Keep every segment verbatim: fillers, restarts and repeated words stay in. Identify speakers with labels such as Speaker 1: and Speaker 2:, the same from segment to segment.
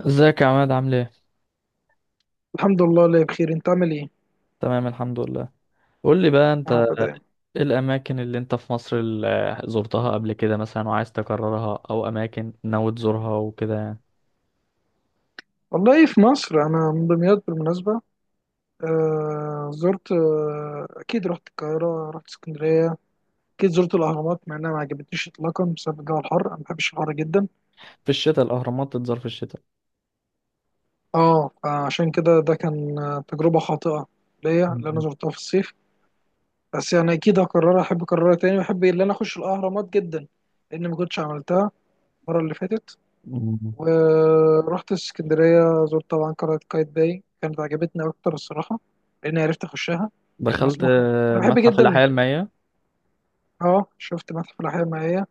Speaker 1: ازيك يا عماد عامل ايه؟
Speaker 2: الحمد لله اللي بخير. انت عامل ايه؟
Speaker 1: تمام الحمد لله. قول لي بقى
Speaker 2: يا
Speaker 1: انت،
Speaker 2: رب دايما.
Speaker 1: ايه الاماكن اللي انت في مصر اللي زرتها قبل كده مثلا وعايز تكررها او اماكن ناوي تزورها وكده يعني.
Speaker 2: والله في مصر، انا من دمياط بالمناسبه. آه زرت آه اكيد رحت القاهره، رحت اسكندريه. اكيد زرت الاهرامات، مع انها ما عجبتنيش اطلاقا بسبب الجو الحر. انا ما بحبش الحر جدا.
Speaker 1: في الشتاء الاهرامات تتزار في الشتاء.
Speaker 2: اه، فعشان كده ده كان آه، تجربه خاطئه ليا اللي انا
Speaker 1: مم.
Speaker 2: زرتها في الصيف. بس يعني اكيد هكررها، احب اكررها تاني، واحب ان انا اخش الاهرامات جدا لان ما كنتش عملتها المره اللي فاتت.
Speaker 1: مم.
Speaker 2: ورحت اسكندرية، زرت طبعا قلعة قايتباي، كانت عجبتني أكتر الصراحة لأني عرفت أخشها. كان
Speaker 1: دخلت
Speaker 2: مسموح.
Speaker 1: آه،
Speaker 2: أنا بحب
Speaker 1: متحف
Speaker 2: جدا.
Speaker 1: الاحياء المائية.
Speaker 2: أه شفت متحف الأحياء المائية.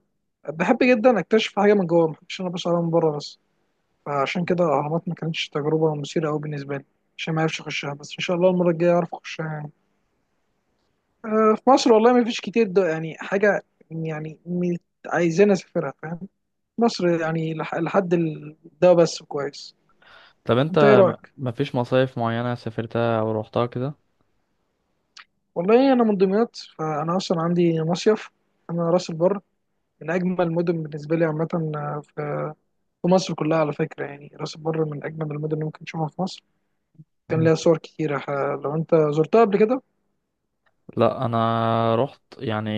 Speaker 2: بحب جدا أكتشف حاجة من جوه، مبحبش أنا بس عليها من بره بس. فعشان كده الأهرامات ما كانتش تجربة مثيرة أوي بالنسبة لي، عشان ما عرفش أخشها. بس إن شاء الله المرة الجاية أعرف أخشها يعني. أه في مصر والله ما فيش كتير، ده يعني حاجة يعني م- عايزين أسافرها، فاهم. مصر يعني لح- لحد ال- ده بس كويس.
Speaker 1: طب انت
Speaker 2: أنت إيه
Speaker 1: م-
Speaker 2: رأيك؟
Speaker 1: مفيش مصايف معينة سافرتها او روحتها كده؟
Speaker 2: والله انا من دمياط، فانا اصلا عندي مصيف. انا راس البر، من اجمل المدن بالنسبه لي عامه. آه، في في مصر كلها على فكره، يعني راس البر من اجمل المدن اللي ممكن تشوفها في مصر. كان
Speaker 1: مم.
Speaker 2: ليها صور كتيره، ح- لو انت زرتها قبل كده.
Speaker 1: لا انا رحت يعني،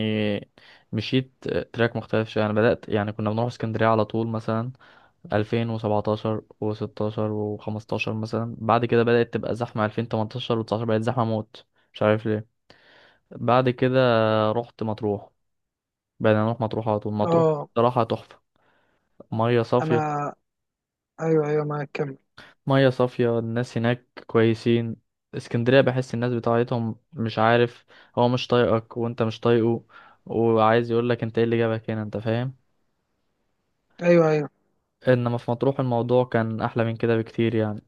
Speaker 1: مشيت. تراك مختلف شويه. انا بدات يعني، كنا بنروح اسكندريه على طول مثلا الفين وسبعتاشر و16 و15 مثلا. بعد كده بدأت تبقى زحمة الفين وتمنتاشر و19، بقت زحمة موت، مش عارف ليه. بعد كده رحت مطروح، بقينا نروح مطروح على طول مطروح.
Speaker 2: اه.
Speaker 1: صراحة تحفة، مية صافية.
Speaker 2: انا، ايوه، ايوه، ما كمل.
Speaker 1: مية صافية، الناس هناك كويسين. اسكندرية بحس الناس بتاعتهم، مش عارف، هو مش طايقك وانت مش طايقه، وعايز يقولك انت ايه اللي جابك هنا، انت فاهم.
Speaker 2: ايوه، ايوه.
Speaker 1: انما في مطروح الموضوع كان احلى من كده بكتير يعني.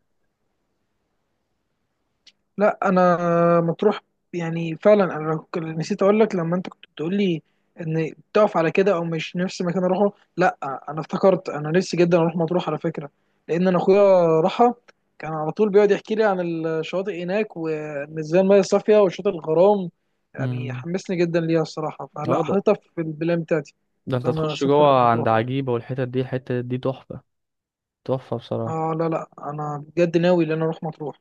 Speaker 2: لا، انا مطروح، يعني فعلا انا ك- نسيت اقول لك لما انت كنت بتقول لي ان بتقف على كده او مش نفس مكان اروحه. لا، انا افتكرت انا نفسي جدا اروح مطروح على فكره، لان انا اخويا راحها، كان على طول بيقعد يحكي لي عن الشواطئ هناك وان ازاي الميه صافيه وشاطئ الغرام. يعني
Speaker 1: امم،
Speaker 2: حمسني جدا ليها الصراحه، فلا حاططها في البلان بتاعتي
Speaker 1: ده انت
Speaker 2: ان انا
Speaker 1: تخش
Speaker 2: اسافر
Speaker 1: جوه عند
Speaker 2: مطروح.
Speaker 1: عجيبة والحتت دي، الحتة دي تحفة، تحفة بصراحة.
Speaker 2: اه لا، لا، انا بجد ناوي ان انا اروح مطروح.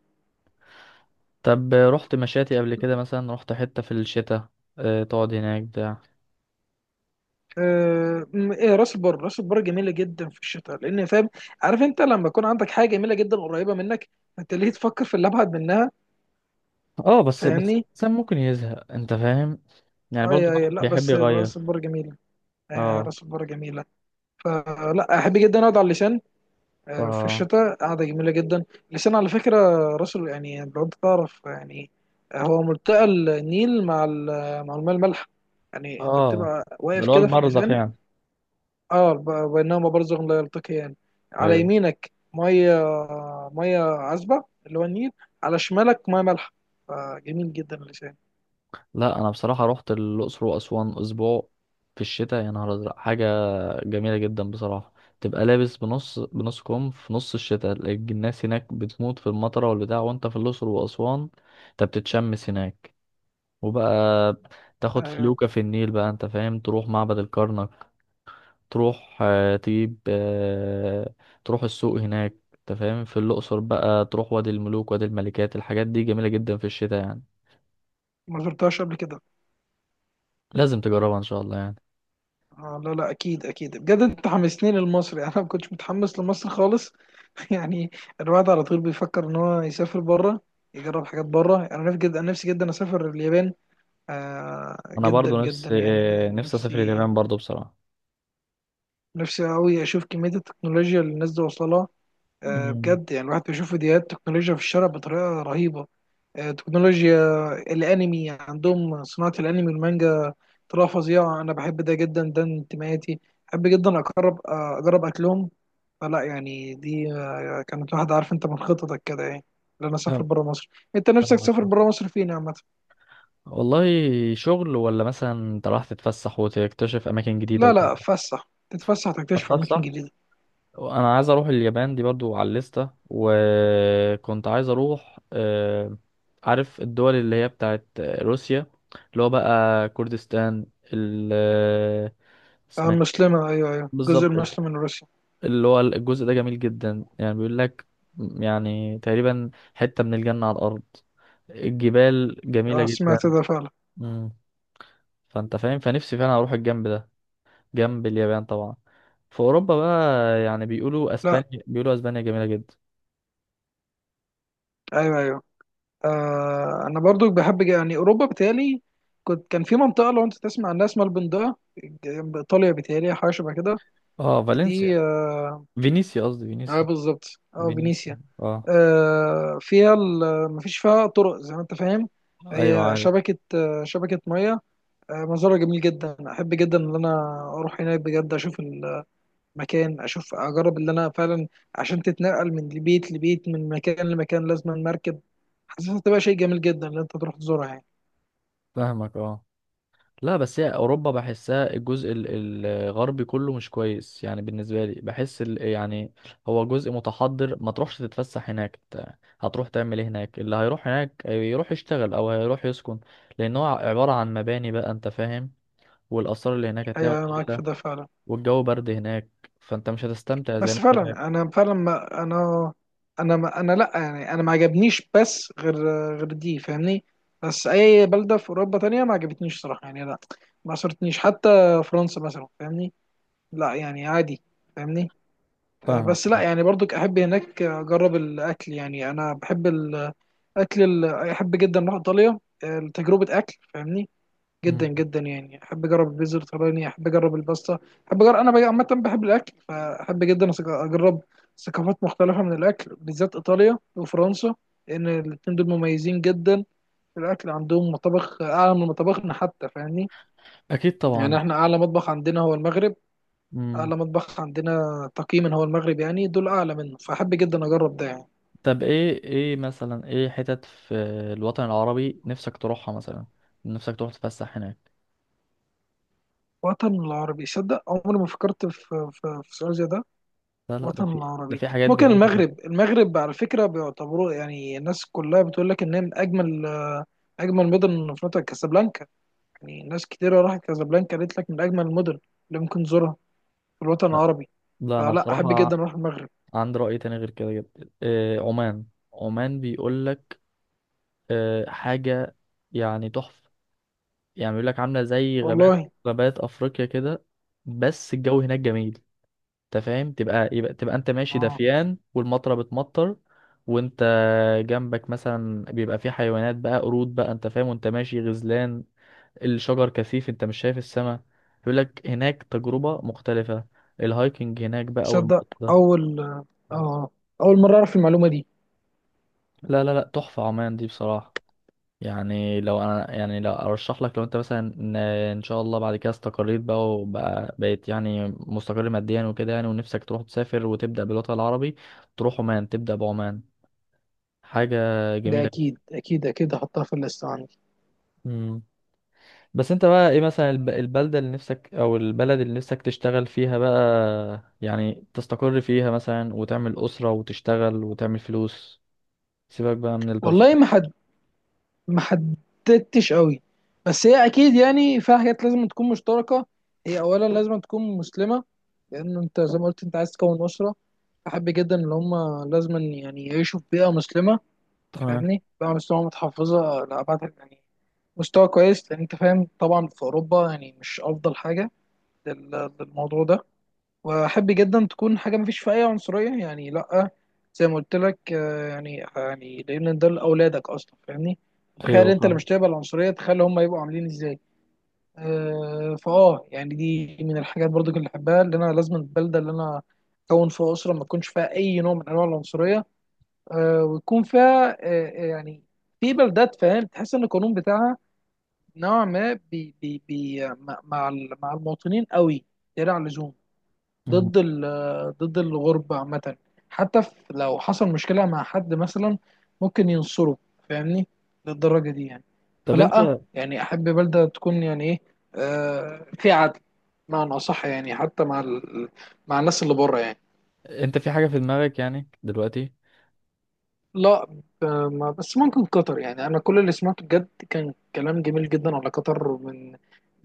Speaker 1: طب رحت مشاتي قبل كده مثلا؟ رحت حتة في الشتاء؟ اه، تقعد هناك بتاع.
Speaker 2: آه، م- ايه، راس البر، راس البر جميله جدا في الشتاء لان، فاهم، عارف انت لما يكون عندك حاجه جميله جدا قريبه منك، انت ليه تفكر في اللي ابعد منها؟
Speaker 1: اه، بس بس
Speaker 2: فاهمني.
Speaker 1: الإنسان ممكن يزهق، انت فاهم، يعني برضو
Speaker 2: اي، اي،
Speaker 1: الواحد
Speaker 2: لا
Speaker 1: بيحب
Speaker 2: بس راس
Speaker 1: يغير.
Speaker 2: البر جميله. آه،
Speaker 1: اه،
Speaker 2: راس البر جميله. فلا احب جدا اقعد على اللسان. آه، في
Speaker 1: اه،
Speaker 2: الشتاء قاعده جميله جدا. اللسان على فكره، راس ال- يعني لو انت تعرف يعني. آه، هو ملتقى النيل مع ال- مع الماء المالح، يعني انت
Speaker 1: اه،
Speaker 2: بتبقى
Speaker 1: ده
Speaker 2: واقف
Speaker 1: اللي هو
Speaker 2: كده في
Speaker 1: المرضخ
Speaker 2: اللسان.
Speaker 1: يعني.
Speaker 2: اه، ب- بينهما برزخ لا يلتقيان. على
Speaker 1: ايوه.
Speaker 2: يمينك ميه، ميه عذبه اللي هو النيل. على شمالك ميه مالحه. فجميل جدا اللسان.
Speaker 1: لا انا بصراحة رحت الأقصر وأسوان أسبوع في الشتاء، يا نهار أزرق حاجة جميلة جدا بصراحة. تبقى لابس بنص بنص كم في نص الشتاء، الناس هناك بتموت في المطرة والبتاع وانت في الأقصر وأسوان انت بتتشمس هناك. وبقى تاخد
Speaker 2: آه
Speaker 1: فلوكة في النيل بقى، انت فاهم، تروح معبد الكرنك، تروح آه، تجيب آه، تروح السوق هناك، انت فاهم، في الأقصر بقى تروح وادي الملوك وادي الملكات. الحاجات دي جميلة جدا في الشتاء يعني،
Speaker 2: ما زرتهاش قبل كده.
Speaker 1: لازم تجربها ان شاء الله يعني.
Speaker 2: آه لا، لا، اكيد، اكيد بجد انت حمسني لمصر يعني انا ما كنتش متحمس لمصر خالص. يعني الواحد على طول بيفكر ان هو يسافر بره، يجرب حاجات بره. انا نفسي جدا، انا نفسي جدا اسافر اليابان. آه
Speaker 1: انا
Speaker 2: جدا،
Speaker 1: برضو
Speaker 2: جدا
Speaker 1: نفسي،
Speaker 2: يعني
Speaker 1: آه،
Speaker 2: يعني
Speaker 1: نفسي اسافر
Speaker 2: نفسي.
Speaker 1: اليابان برضو بصراحة.
Speaker 2: نفسي قوي اشوف كميه التكنولوجيا اللي الناس دي واصله لها. آه،
Speaker 1: مم.
Speaker 2: بجد يعني الواحد بيشوف فيديوهات تكنولوجيا في الشارع بطريقة رهيبة. آه، تكنولوجيا الأنمي عندهم، صناعة الأنمي والمانجا، طريقة فظيعة. أنا بحب ده جدا، ده انتمائي. بحب جدا أقرب آه، أجرب أكلهم. فلا يعني دي آه، كانت واحدة، عارف أنت، من خططك كده يعني، إن أنا أسافر
Speaker 1: فاهم.
Speaker 2: برا مصر. أنت نفسك
Speaker 1: فاهمك.
Speaker 2: تسافر برا مصر فين يا عامة؟
Speaker 1: والله شغل ولا مثلا انت راح تتفسح وتكتشف اماكن جديده
Speaker 2: لا، لا،
Speaker 1: وكده؟
Speaker 2: فسح تتفسح، تكتشف أماكن
Speaker 1: اتفسح.
Speaker 2: جديدة.
Speaker 1: انا عايز اروح اليابان دي برضو على الليسته، وكنت عايز اروح، آه، عارف الدول اللي هي بتاعت روسيا اللي هو بقى كردستان، ال آه،
Speaker 2: آه،
Speaker 1: اسمها إيه؟
Speaker 2: المسلمة، أيوه، أيوه، الجزء
Speaker 1: بالظبط الح-
Speaker 2: المسلم من روسيا.
Speaker 1: اللي هو الجزء ده جميل جدا يعني، بيقول لك يعني تقريبا حته من الجنه على الارض، الجبال جميله
Speaker 2: آه،
Speaker 1: جدا.
Speaker 2: سمعت ده فعلا.
Speaker 1: مم. فانت فاهم، فنفسي فعلا اروح الجنب ده، جنب اليابان طبعا. في اوروبا بقى، يعني بيقولوا
Speaker 2: لا.
Speaker 1: اسبانيا، بيقولوا اسبانيا جميله جدا.
Speaker 2: أيوه، أيوه. آه انا برضو بحب يعني اوروبا بتالي. كنت كان في منطقه، لو انت تسمع عنها اسمها البندقه، جنب ايطاليا بتالي، حاجه شبه كده.
Speaker 1: اه، فالنسيا،
Speaker 2: دي اه.
Speaker 1: فينيسيا قصدي،
Speaker 2: آه،
Speaker 1: فينيسيا،
Speaker 2: بالظبط اه فينيسيا.
Speaker 1: فينيسيا اه.
Speaker 2: آه فيها ال- مفيش فيها طرق زي ما انت فاهم.
Speaker 1: ايوه
Speaker 2: هي
Speaker 1: عارف.
Speaker 2: شبكه، آه شبكه ميه. آه منظرها جميل جدا، احب جدا ان انا اروح هناك بجد اشوف المكان، اشوف اجرب اللي انا فعلا. عشان تتنقل من بيت لبيت، من مكان لمكان لازم مركب. حاسسها تبقى شيء جميل جدا ان انت تروح تزورها يعني.
Speaker 1: فاهمك اه. لا بس هي اوروبا بحسها الجزء ال- الغربي كله مش كويس يعني، بالنسبه لي بحس ال- يعني هو جزء متحضر، ما تروحش تتفسح هناك، إنت هتروح تعمل ايه هناك؟ اللي هيروح هناك يروح يشتغل او هيروح يسكن، لان هو عباره عن مباني بقى، انت فاهم، والآثار اللي هناك
Speaker 2: ايوه،
Speaker 1: هتلاقيها
Speaker 2: أيوة، معاك في
Speaker 1: قليلة،
Speaker 2: ده فعلا.
Speaker 1: والجو برد هناك، فانت مش هتستمتع زي ما
Speaker 2: بس
Speaker 1: انت فاكر.
Speaker 2: فعلا انا فعلا ما انا، انا ما انا، لا يعني انا ما عجبنيش بس غير غير دي، فاهمني. بس اي بلده في اوروبا تانية ما عجبتنيش صراحه يعني، لا. ما صرتنيش حتى، فرنسا مثلا، فاهمني. لا يعني عادي. فاهمني. آه،
Speaker 1: فاهمك
Speaker 2: بس لا
Speaker 1: اه.
Speaker 2: يعني برضك احب هناك اجرب الاكل، يعني انا بحب الاكل. ال- احب جدا اروح ايطاليا، آه، لتجربه اكل، فاهمني.
Speaker 1: مم.
Speaker 2: جدا، جدا يعني احب اجرب البيتزا الايطالية، احب اجرب الباستا، احب اجرب، انا بقى عامه بحب الاكل، فاحب جدا أس- اجرب ثقافات مختلفه من الاكل، بالذات ايطاليا وفرنسا، لان الاتنين دول مميزين جدا في الاكل. عندهم مطابخ اعلى من مطابخنا حتى، فاهمني.
Speaker 1: اكيد
Speaker 2: يعني
Speaker 1: طبعا.
Speaker 2: احنا اعلى مطبخ عندنا هو المغرب.
Speaker 1: مم.
Speaker 2: اعلى مطبخ عندنا تقييما هو المغرب، يعني دول اعلى منه، فاحب جدا اجرب ده يعني.
Speaker 1: طب ايه، ايه مثلا، ايه حتت في الوطن العربي نفسك تروحها مثلا، نفسك تروح تتفسح هناك؟
Speaker 2: وطن العربي، صدق عمري ما فكرت في في, في سؤال زي ده.
Speaker 1: لا لا، ده
Speaker 2: الوطن
Speaker 1: في، ده
Speaker 2: العربي
Speaker 1: في حاجات
Speaker 2: ممكن
Speaker 1: جميلة جدا.
Speaker 2: المغرب، المغرب على فكرة بيعتبروه، يعني الناس كلها بتقول لك إنها من أجمل آه، أجمل مدن من أفريقيا، كازابلانكا. يعني ناس كتيرة راحت كازابلانكا، قالت لك من أجمل المدن اللي ممكن تزورها في الوطن
Speaker 1: لا
Speaker 2: العربي.
Speaker 1: لا، انا
Speaker 2: فلا أحب جدا
Speaker 1: بصراحة
Speaker 2: أروح المغرب.
Speaker 1: عندي رأي تاني غير كده جدا، إيه عمان. عمان بيقول لك إيه، حاجة يعني تحفة، يعني بيقول لك عاملة زي غابات،
Speaker 2: والله.
Speaker 1: غابات افريقيا كده، بس الجو هناك جميل. انت فاهم، تبقى يبقى تبقى انت ماشي
Speaker 2: اه.
Speaker 1: دفيان والمطره بتمطر، وانت جنبك مثلا بيبقى في حيوانات بقى، قرود بقى، انت فاهم، وانت ماشي غزلان، الشجر كثيف انت مش شايف السماء. يقول لك هناك تجربه مختلفه، الهايكنج هناك بقى
Speaker 2: تصدق
Speaker 1: والموضوع ده.
Speaker 2: أول آه أول مرة أعرف المعلومة دي.
Speaker 1: لا لا لا تحفه عمان دي بصراحه. يعني لو انا، يعني لو ارشح لك، لو انت مثلا ان إن شاء الله بعد كده استقريت بقى وبقى بقيت يعني مستقر ماديا وكده يعني، ونفسك تروح تسافر وتبدا بالوطن العربي، تروح عمان، تبدا بعمان. حاجة
Speaker 2: ده
Speaker 1: جميلة.
Speaker 2: أكيد، أكيد، أكيد هحطها في الليست عندي.
Speaker 1: مم. بس انت بقى ايه مثلا الب- البلدة اللي نفسك، او البلد اللي نفسك تشتغل فيها بقى، يعني تستقر فيها مثلا وتعمل أسرة وتشتغل وتعمل فلوس، سيبك بقى من
Speaker 2: والله، ما
Speaker 1: الترفيه.
Speaker 2: ما حددتش قوي. بس هي اكيد يعني فيها حاجات لازم تكون مشتركه. هي اولا لازم تكون مسلمه، لان انت زي ما قلت انت عايز تكون اسره. بحب جدا ان هم لازم يعني يعيشوا في بيئه مسلمه،
Speaker 1: تمام.
Speaker 2: فاهمني، بيئه مسلمه متحفظه لابعد يعني، مستوى كويس، لان انت فاهم طبعا في اوروبا يعني مش افضل حاجه لل- للموضوع ده. واحب جدا تكون حاجه مفيش فيها اي عنصريه يعني، لا، زي ما قلت لك. آه، يعني يعني لان ده لاولادك اصلا، فاهمني، تخيل
Speaker 1: ايوه
Speaker 2: انت اللي
Speaker 1: فاهم.
Speaker 2: مش تقبل العنصريه، تخيل هم يبقوا عاملين ازاي. آه، فاه يعني دي من الحاجات برضو اللي بحبها، اللي انا لازم البلده اللي انا اكون فيها اسره ما تكونش فيها اي نوع من انواع العنصريه. آه، ويكون فيها آه، آه، يعني في بلدات، فاهم، تحس ان القانون بتاعها نوع ما بي بي بي مع مع المواطنين قوي زيادة عن اللزوم،
Speaker 1: مم.
Speaker 2: ضد ال- آه، ضد الغربة عامة. حتى في- لو حصل مشكلة مع حد مثلا ممكن ينصره، فاهمني، للدرجة دي يعني.
Speaker 1: طب انت،
Speaker 2: فلأ يعني، أحب بلدة تكون يعني إيه، آه في عدل، معنى أصح يعني، حتى مع ال... مع الناس اللي بره يعني.
Speaker 1: انت في حاجة في دماغك يعني دلوقتي؟
Speaker 2: لا. ب- ما- بس ممكن قطر، يعني أنا كل اللي سمعته بجد كان كلام جميل جدا على قطر، من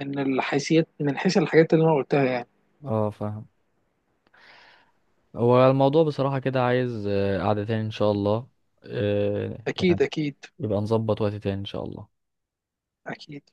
Speaker 2: من الحيثيات، من حيث الحاجات اللي أنا قلتها يعني.
Speaker 1: اه فاهم. هو الموضوع بصراحة كده عايز آه، قعدة تاني ان شاء الله، آه،
Speaker 2: أكيد،
Speaker 1: يعني
Speaker 2: أكيد،
Speaker 1: يبقى نظبط وقت تاني ان شاء الله.
Speaker 2: أكيد.